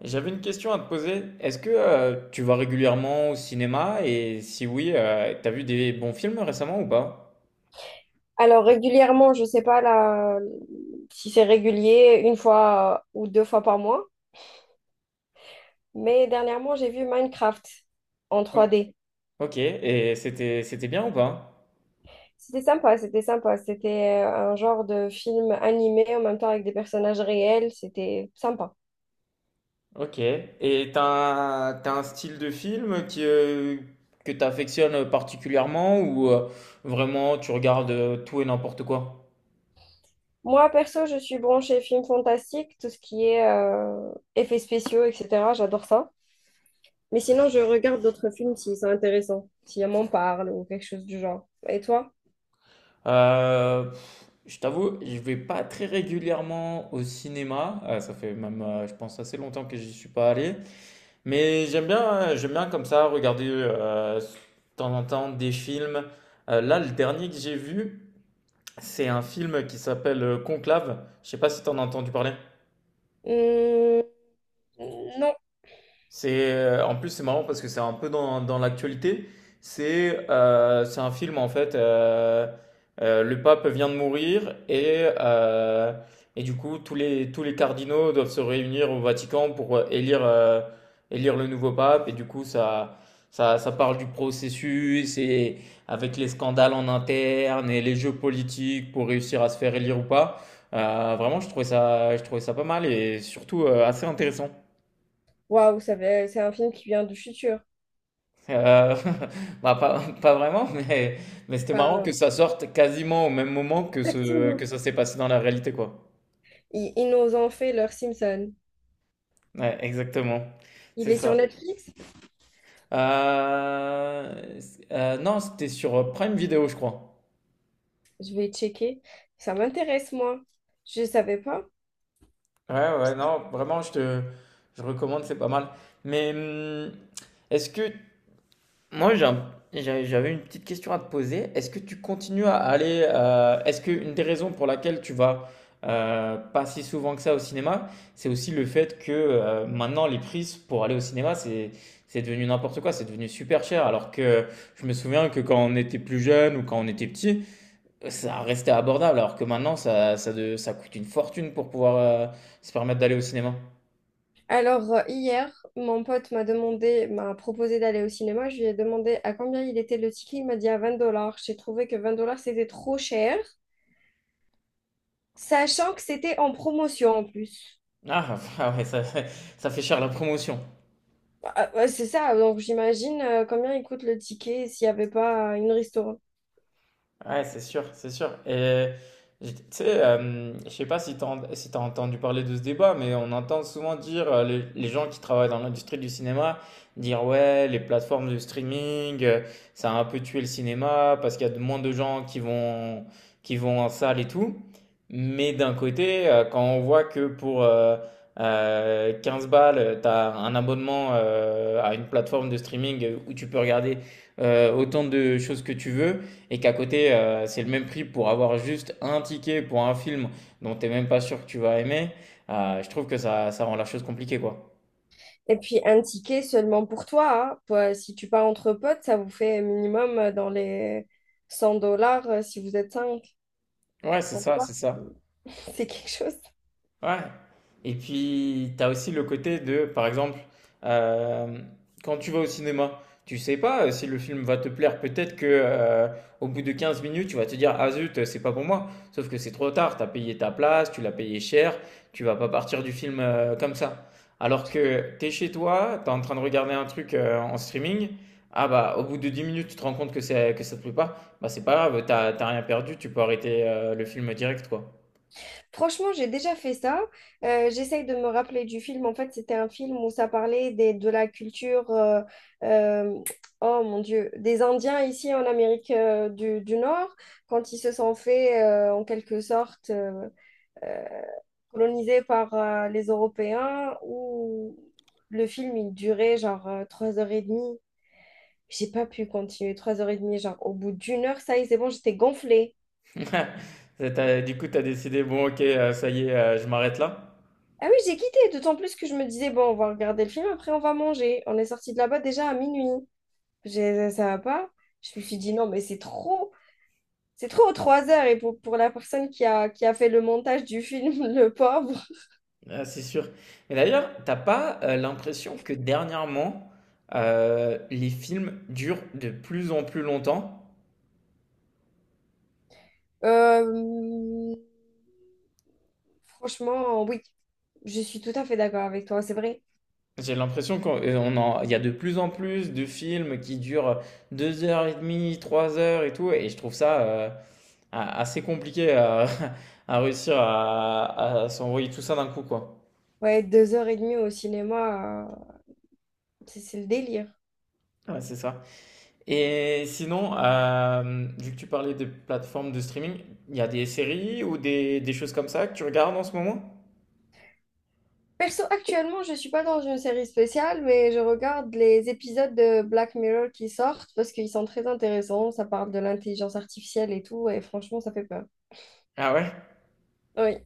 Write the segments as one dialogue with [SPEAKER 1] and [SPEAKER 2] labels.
[SPEAKER 1] J'avais une question à te poser. Est-ce que tu vas régulièrement au cinéma et si oui, t'as vu des bons films récemment ou pas?
[SPEAKER 2] Alors régulièrement, je sais pas là, si c'est régulier, une fois ou deux fois par mois, mais dernièrement, j'ai vu Minecraft en
[SPEAKER 1] Ok.
[SPEAKER 2] trois d.
[SPEAKER 1] Ok, et c'était bien ou pas?
[SPEAKER 2] C'était sympa, c'était sympa. C'était un genre de film animé en même temps avec des personnages réels. C'était sympa.
[SPEAKER 1] Ok, et t'as un style de film qui, que t'affectionnes particulièrement ou vraiment tu regardes tout et n'importe quoi?
[SPEAKER 2] Moi, perso, je suis branchée film fantastique, tout ce qui est effets spéciaux, etc. J'adore ça. Mais sinon, je regarde d'autres films s'ils sont intéressants, si on m'en parle ou quelque chose du genre. Et toi?
[SPEAKER 1] Euh, je t'avoue, je vais pas très régulièrement au cinéma. Ça fait même, je pense, assez longtemps que j'y suis pas allé. Mais j'aime bien comme ça regarder de temps en temps des films. Là, le dernier que j'ai vu, c'est un film qui s'appelle Conclave. Je sais pas si t'en as entendu parler.
[SPEAKER 2] Hum. Non.
[SPEAKER 1] C'est En plus c'est marrant parce que c'est un peu dans l'actualité. C'est un film en fait. Le pape vient de mourir et du coup tous les cardinaux doivent se réunir au Vatican pour élire élire le nouveau pape, et du coup ça parle du processus et avec les scandales en interne et les jeux politiques pour réussir à se faire élire ou pas. Vraiment je trouvais ça pas mal et surtout assez intéressant.
[SPEAKER 2] Waouh, c'est un film qui vient du futur.
[SPEAKER 1] Euh, Bah, pas vraiment, mais c'était marrant que
[SPEAKER 2] Enfin,
[SPEAKER 1] ça sorte quasiment au même moment
[SPEAKER 2] exactement.
[SPEAKER 1] que ça s'est passé dans la réalité, quoi.
[SPEAKER 2] Ils nous ont fait leur Simpson.
[SPEAKER 1] Ouais, exactement.
[SPEAKER 2] Il
[SPEAKER 1] C'est
[SPEAKER 2] est sur
[SPEAKER 1] ça.
[SPEAKER 2] Netflix?
[SPEAKER 1] Euh, non, c'était sur Prime Video, je crois.
[SPEAKER 2] Je vais checker. Ça m'intéresse, moi. Je savais pas.
[SPEAKER 1] Ouais, ouais, non, vraiment, je recommande, c'est pas mal. Mais est-ce que Moi, j'ai un- j'ai- j'avais une petite question à te poser. Est-ce que tu continues à aller, est-ce qu'une des raisons pour laquelle tu vas pas si souvent que ça au cinéma, c'est aussi le fait que maintenant les prises pour aller au cinéma, c'est devenu n'importe quoi, c'est devenu super cher. Alors que je me souviens que quand on était plus jeune ou quand on était petit, ça restait abordable. Alors que maintenant, ça coûte une fortune pour pouvoir se permettre d'aller au cinéma.
[SPEAKER 2] Alors, hier, mon pote m'a proposé d'aller au cinéma. Je lui ai demandé à combien il était le ticket. Il m'a dit à 20 dollars. J'ai trouvé que 20 dollars, c'était trop cher. Sachant que c'était en promotion en plus.
[SPEAKER 1] Ah, ah ouais, ça fait cher la promotion.
[SPEAKER 2] Ah, ouais, c'est ça, donc j'imagine combien il coûte le ticket s'il n'y avait pas une restaurant.
[SPEAKER 1] Ouais, c'est sûr, c'est sûr. Et tu sais, je sais pas si tu si t'as entendu parler de ce débat, mais on entend souvent dire les gens qui travaillent dans l'industrie du cinéma dire ouais, les plateformes de streaming, ça a un peu tué le cinéma parce qu'il y a de moins de gens qui vont en salle et tout. Mais d'un côté, quand on voit que pour 15 balles, tu as un abonnement à une plateforme de streaming où tu peux regarder autant de choses que tu veux, et qu'à côté, c'est le même prix pour avoir juste un ticket pour un film dont t'es même pas sûr que tu vas aimer, je trouve que ça rend la chose compliquée, quoi.
[SPEAKER 2] Et puis un ticket seulement pour toi, hein. Toi, si tu pars entre potes, ça vous fait minimum dans les 100 dollars si vous êtes 5.
[SPEAKER 1] Ouais, c'est
[SPEAKER 2] 100
[SPEAKER 1] ça,
[SPEAKER 2] dollars,
[SPEAKER 1] c'est ça.
[SPEAKER 2] c'est c'est quelque chose.
[SPEAKER 1] Ouais. Et puis, tu as aussi le côté de, par exemple, euh, quand tu vas au cinéma, tu sais pas si le film va te plaire. Peut-être que au bout de 15 minutes, tu vas te dire, ah zut, c'est pas pour moi. Sauf que c'est trop tard, tu as payé ta place, tu l'as payé cher, tu vas pas partir du film comme ça. Alors que tu es chez toi, tu es en train de regarder un truc en streaming, ah bah au bout de 10 minutes, tu te rends compte que ça te plaît pas, bah c'est pas grave, t'as rien perdu, tu peux arrêter le film direct, quoi.
[SPEAKER 2] Franchement, j'ai déjà fait ça. J'essaye de me rappeler du film. En fait, c'était un film où ça parlait de la culture, euh, oh mon Dieu, des Indiens ici en Amérique du Nord, quand ils se sont fait en quelque sorte euh, colonisés par les Européens, où le film il durait genre 3 heures et demie. J'ai pas pu continuer 3 heures et demie, genre au bout d'1 heure, ça y est, c'est bon, j'étais gonflée.
[SPEAKER 1] Et Du coup, tu as décidé, bon, ok, ça y est, je m'arrête là.
[SPEAKER 2] Ah oui, j'ai quitté, d'autant plus que je me disais, bon, on va regarder le film, après on va manger. On est sorti de là-bas déjà à minuit. Ça va pas. Je me suis dit, non, mais c'est trop, 3 heures. Et pour la personne qui a fait le montage du film, le pauvre.
[SPEAKER 1] Ah, c'est sûr. Mais d'ailleurs, t'as pas l'impression que dernièrement, les films durent de plus en plus longtemps?
[SPEAKER 2] Euh, franchement, oui, je suis tout à fait d'accord avec toi, c'est vrai.
[SPEAKER 1] J'ai l'impression qu'on- on en- Il y a de plus en plus de films qui durent deux heures et demie, trois heures et tout, et je trouve ça assez compliqué à, à réussir à s'envoyer tout ça d'un coup, quoi.
[SPEAKER 2] Ouais, 2 heures et demie au cinéma, c'est le délire.
[SPEAKER 1] Ouais, c'est ça. Et sinon, vu que tu parlais des plateformes de streaming, il y a des séries ou des choses comme ça que tu regardes en ce moment?
[SPEAKER 2] Perso, actuellement, je suis pas dans une série spéciale, mais je regarde les épisodes de Black Mirror qui sortent parce qu'ils sont très intéressants. Ça parle de l'intelligence artificielle et tout, et franchement, ça fait peur.
[SPEAKER 1] Ah ouais?
[SPEAKER 2] Oui.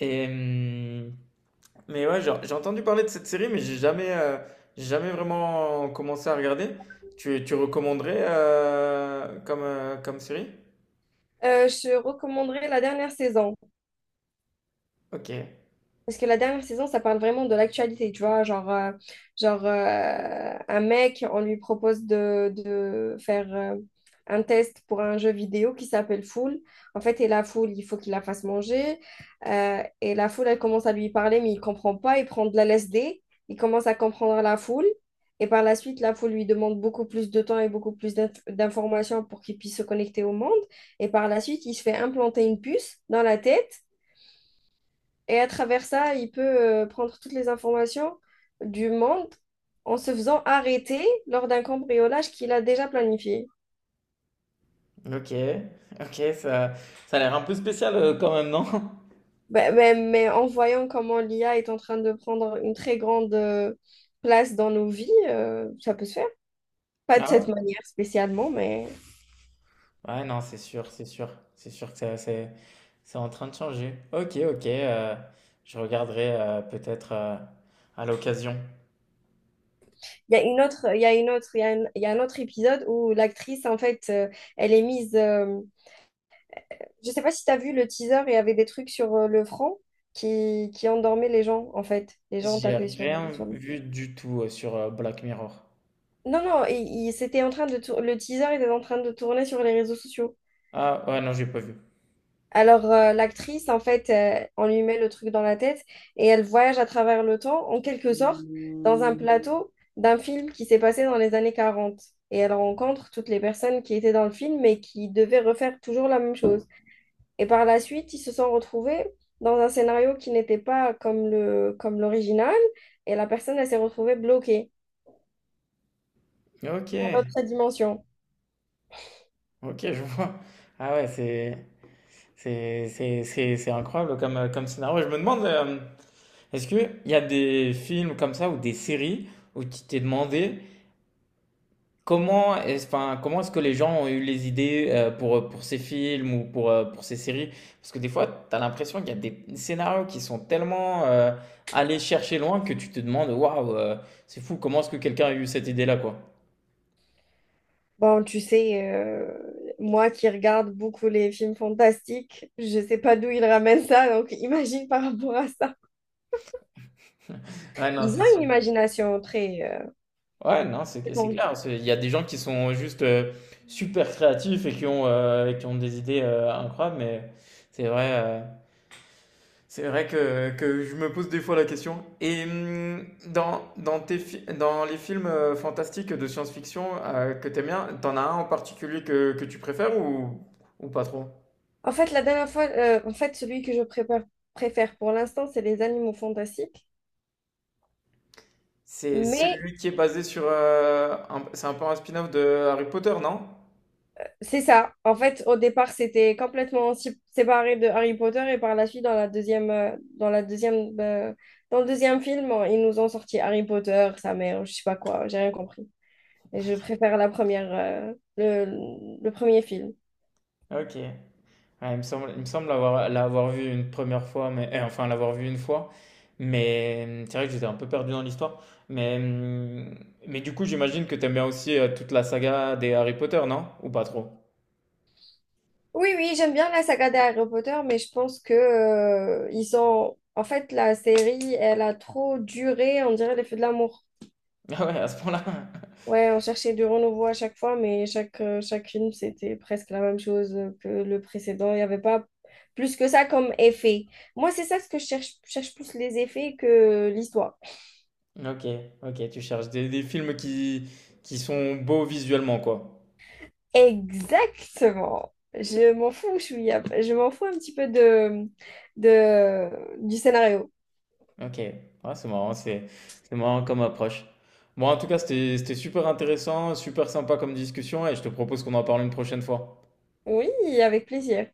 [SPEAKER 1] Et, mais ouais, genre, j'ai entendu parler de cette série, mais j'ai jamais vraiment commencé à regarder. Tu recommanderais comme, comme série?
[SPEAKER 2] Je recommanderais la dernière saison.
[SPEAKER 1] Ok,
[SPEAKER 2] Parce que la dernière saison, ça parle vraiment de l'actualité, tu vois, genre, un mec, on lui propose de faire un test pour un jeu vidéo qui s'appelle Fool. En fait, et la foule, il faut qu'il la fasse manger. Et la foule, elle commence à lui parler, mais il comprend pas, il prend de la LSD, il commence à comprendre la foule. Et par la suite, la foule lui demande beaucoup plus de temps et beaucoup plus d'informations pour qu'il puisse se connecter au monde. Et par la suite, il se fait implanter une puce dans la tête. Et à travers ça, il peut prendre toutes les informations du monde en se faisant arrêter lors d'un cambriolage qu'il a déjà planifié.
[SPEAKER 1] ok, ok, ça a l'air un peu spécial quand même, non?
[SPEAKER 2] Mais en voyant comment l'IA est en train de prendre une très grande place dans nos vies, ça peut se faire. Pas de
[SPEAKER 1] Ah
[SPEAKER 2] cette
[SPEAKER 1] ouais.
[SPEAKER 2] manière spécialement, mais
[SPEAKER 1] Ouais, non, c'est sûr, c'est sûr. C'est sûr que ça- c'est c'est en train de changer. Ok, ok. Je regarderai peut-être à l'occasion.
[SPEAKER 2] il y a une autre, il y a une autre, il y a un, il y a un autre épisode où l'actrice, en fait, elle est mise. Euh, je sais pas si tu as vu le teaser, il y avait des trucs sur le front qui endormaient les gens, en fait. Les gens
[SPEAKER 1] J'ai
[SPEAKER 2] tapaient
[SPEAKER 1] rien
[SPEAKER 2] sur le.
[SPEAKER 1] vu du tout sur Black Mirror.
[SPEAKER 2] Non, non, c'était en train de tour- le teaser était en train de tourner sur les réseaux sociaux.
[SPEAKER 1] Ah, ouais, non, j'ai pas vu.
[SPEAKER 2] Alors, l'actrice, en fait, on lui met le truc dans la tête et elle voyage à travers le temps, en quelque sorte, dans un plateau d'un film qui s'est passé dans les années 40. Et elle rencontre toutes les personnes qui étaient dans le film et qui devaient refaire toujours la même chose. Et par la suite, ils se sont retrouvés dans un scénario qui n'était pas comme l'original et la personne, elle s'est retrouvée bloquée
[SPEAKER 1] Ok,
[SPEAKER 2] dans l'autre dimension.
[SPEAKER 1] ok, je vois. Ah ouais, c'est c'est incroyable comme comme scénario. Je me demande, est-ce que il y a des films comme ça ou des séries où tu t'es demandé. Comment est-ce, enfin, comment est-ce que les gens ont eu les idées pour ces films ou pour ces séries? Parce que des fois, tu as l'impression qu'il y a des scénarios qui sont tellement allés chercher loin que tu te demandes, waouh, c'est fou, comment est-ce que quelqu'un a eu cette idée-là, quoi?
[SPEAKER 2] Bon, tu sais, moi qui regarde beaucoup les films fantastiques, je sais pas d'où ils ramènent ça, donc imagine par rapport à ça.
[SPEAKER 1] Ouais, non,
[SPEAKER 2] Ils
[SPEAKER 1] c'est
[SPEAKER 2] ont une
[SPEAKER 1] sûr.
[SPEAKER 2] imagination très
[SPEAKER 1] Ouais, non, c'est
[SPEAKER 2] étendue.
[SPEAKER 1] clair. Il y a des gens qui sont juste super créatifs et qui ont des idées incroyables, mais c'est vrai. euh, C'est vrai que je me pose des fois la question. Et dans les films fantastiques de science-fiction que t'aimes bien, t'en as un en particulier que tu préfères ou pas trop?
[SPEAKER 2] En fait, la dernière fois, en fait, celui que préfère pour l'instant, c'est les animaux fantastiques.
[SPEAKER 1] C'est
[SPEAKER 2] Mais
[SPEAKER 1] celui qui est basé sur c'est un peu un spin-off de Harry Potter, non?
[SPEAKER 2] c'est ça. En fait, au départ, c'était complètement séparé de Harry Potter et par la suite, dans le deuxième film, ils nous ont sorti Harry Potter, sa mère, je sais pas quoi, j'ai rien compris. Et je préfère la première, le premier film.
[SPEAKER 1] Ok. Ouais, il me semble l'avoir vu une première fois, mais eh, enfin l'avoir vu une fois. Mais c'est vrai que j'étais un peu perdu dans l'histoire. Mais, hum, mais du coup, j'imagine que t'aimes bien aussi toute la saga des Harry Potter, non? Ou pas trop?
[SPEAKER 2] Oui, oui, j'aime bien la saga des Harry Potter, mais je pense que, ils ont... En fait, la série, elle a trop duré, on dirait les feux de l'amour.
[SPEAKER 1] Ah ouais, à ce point-là.
[SPEAKER 2] Ouais, on cherchait du renouveau à chaque fois, mais chaque film, c'était presque la même chose que le précédent. Il n'y avait pas plus que ça comme effet. Moi, c'est ça ce que je cherche. Je cherche plus les effets que l'histoire.
[SPEAKER 1] Ok, ok, tu cherches des films qui sont beaux visuellement, quoi.
[SPEAKER 2] Exactement. Je m'en fous, je m'en fous un petit peu de, du scénario.
[SPEAKER 1] Ok, ouais, c'est marrant, c'est marrant comme approche. Bon, en tout cas, c'était super intéressant, super sympa comme discussion, et je te propose qu'on en parle une prochaine fois.
[SPEAKER 2] Oui, avec plaisir.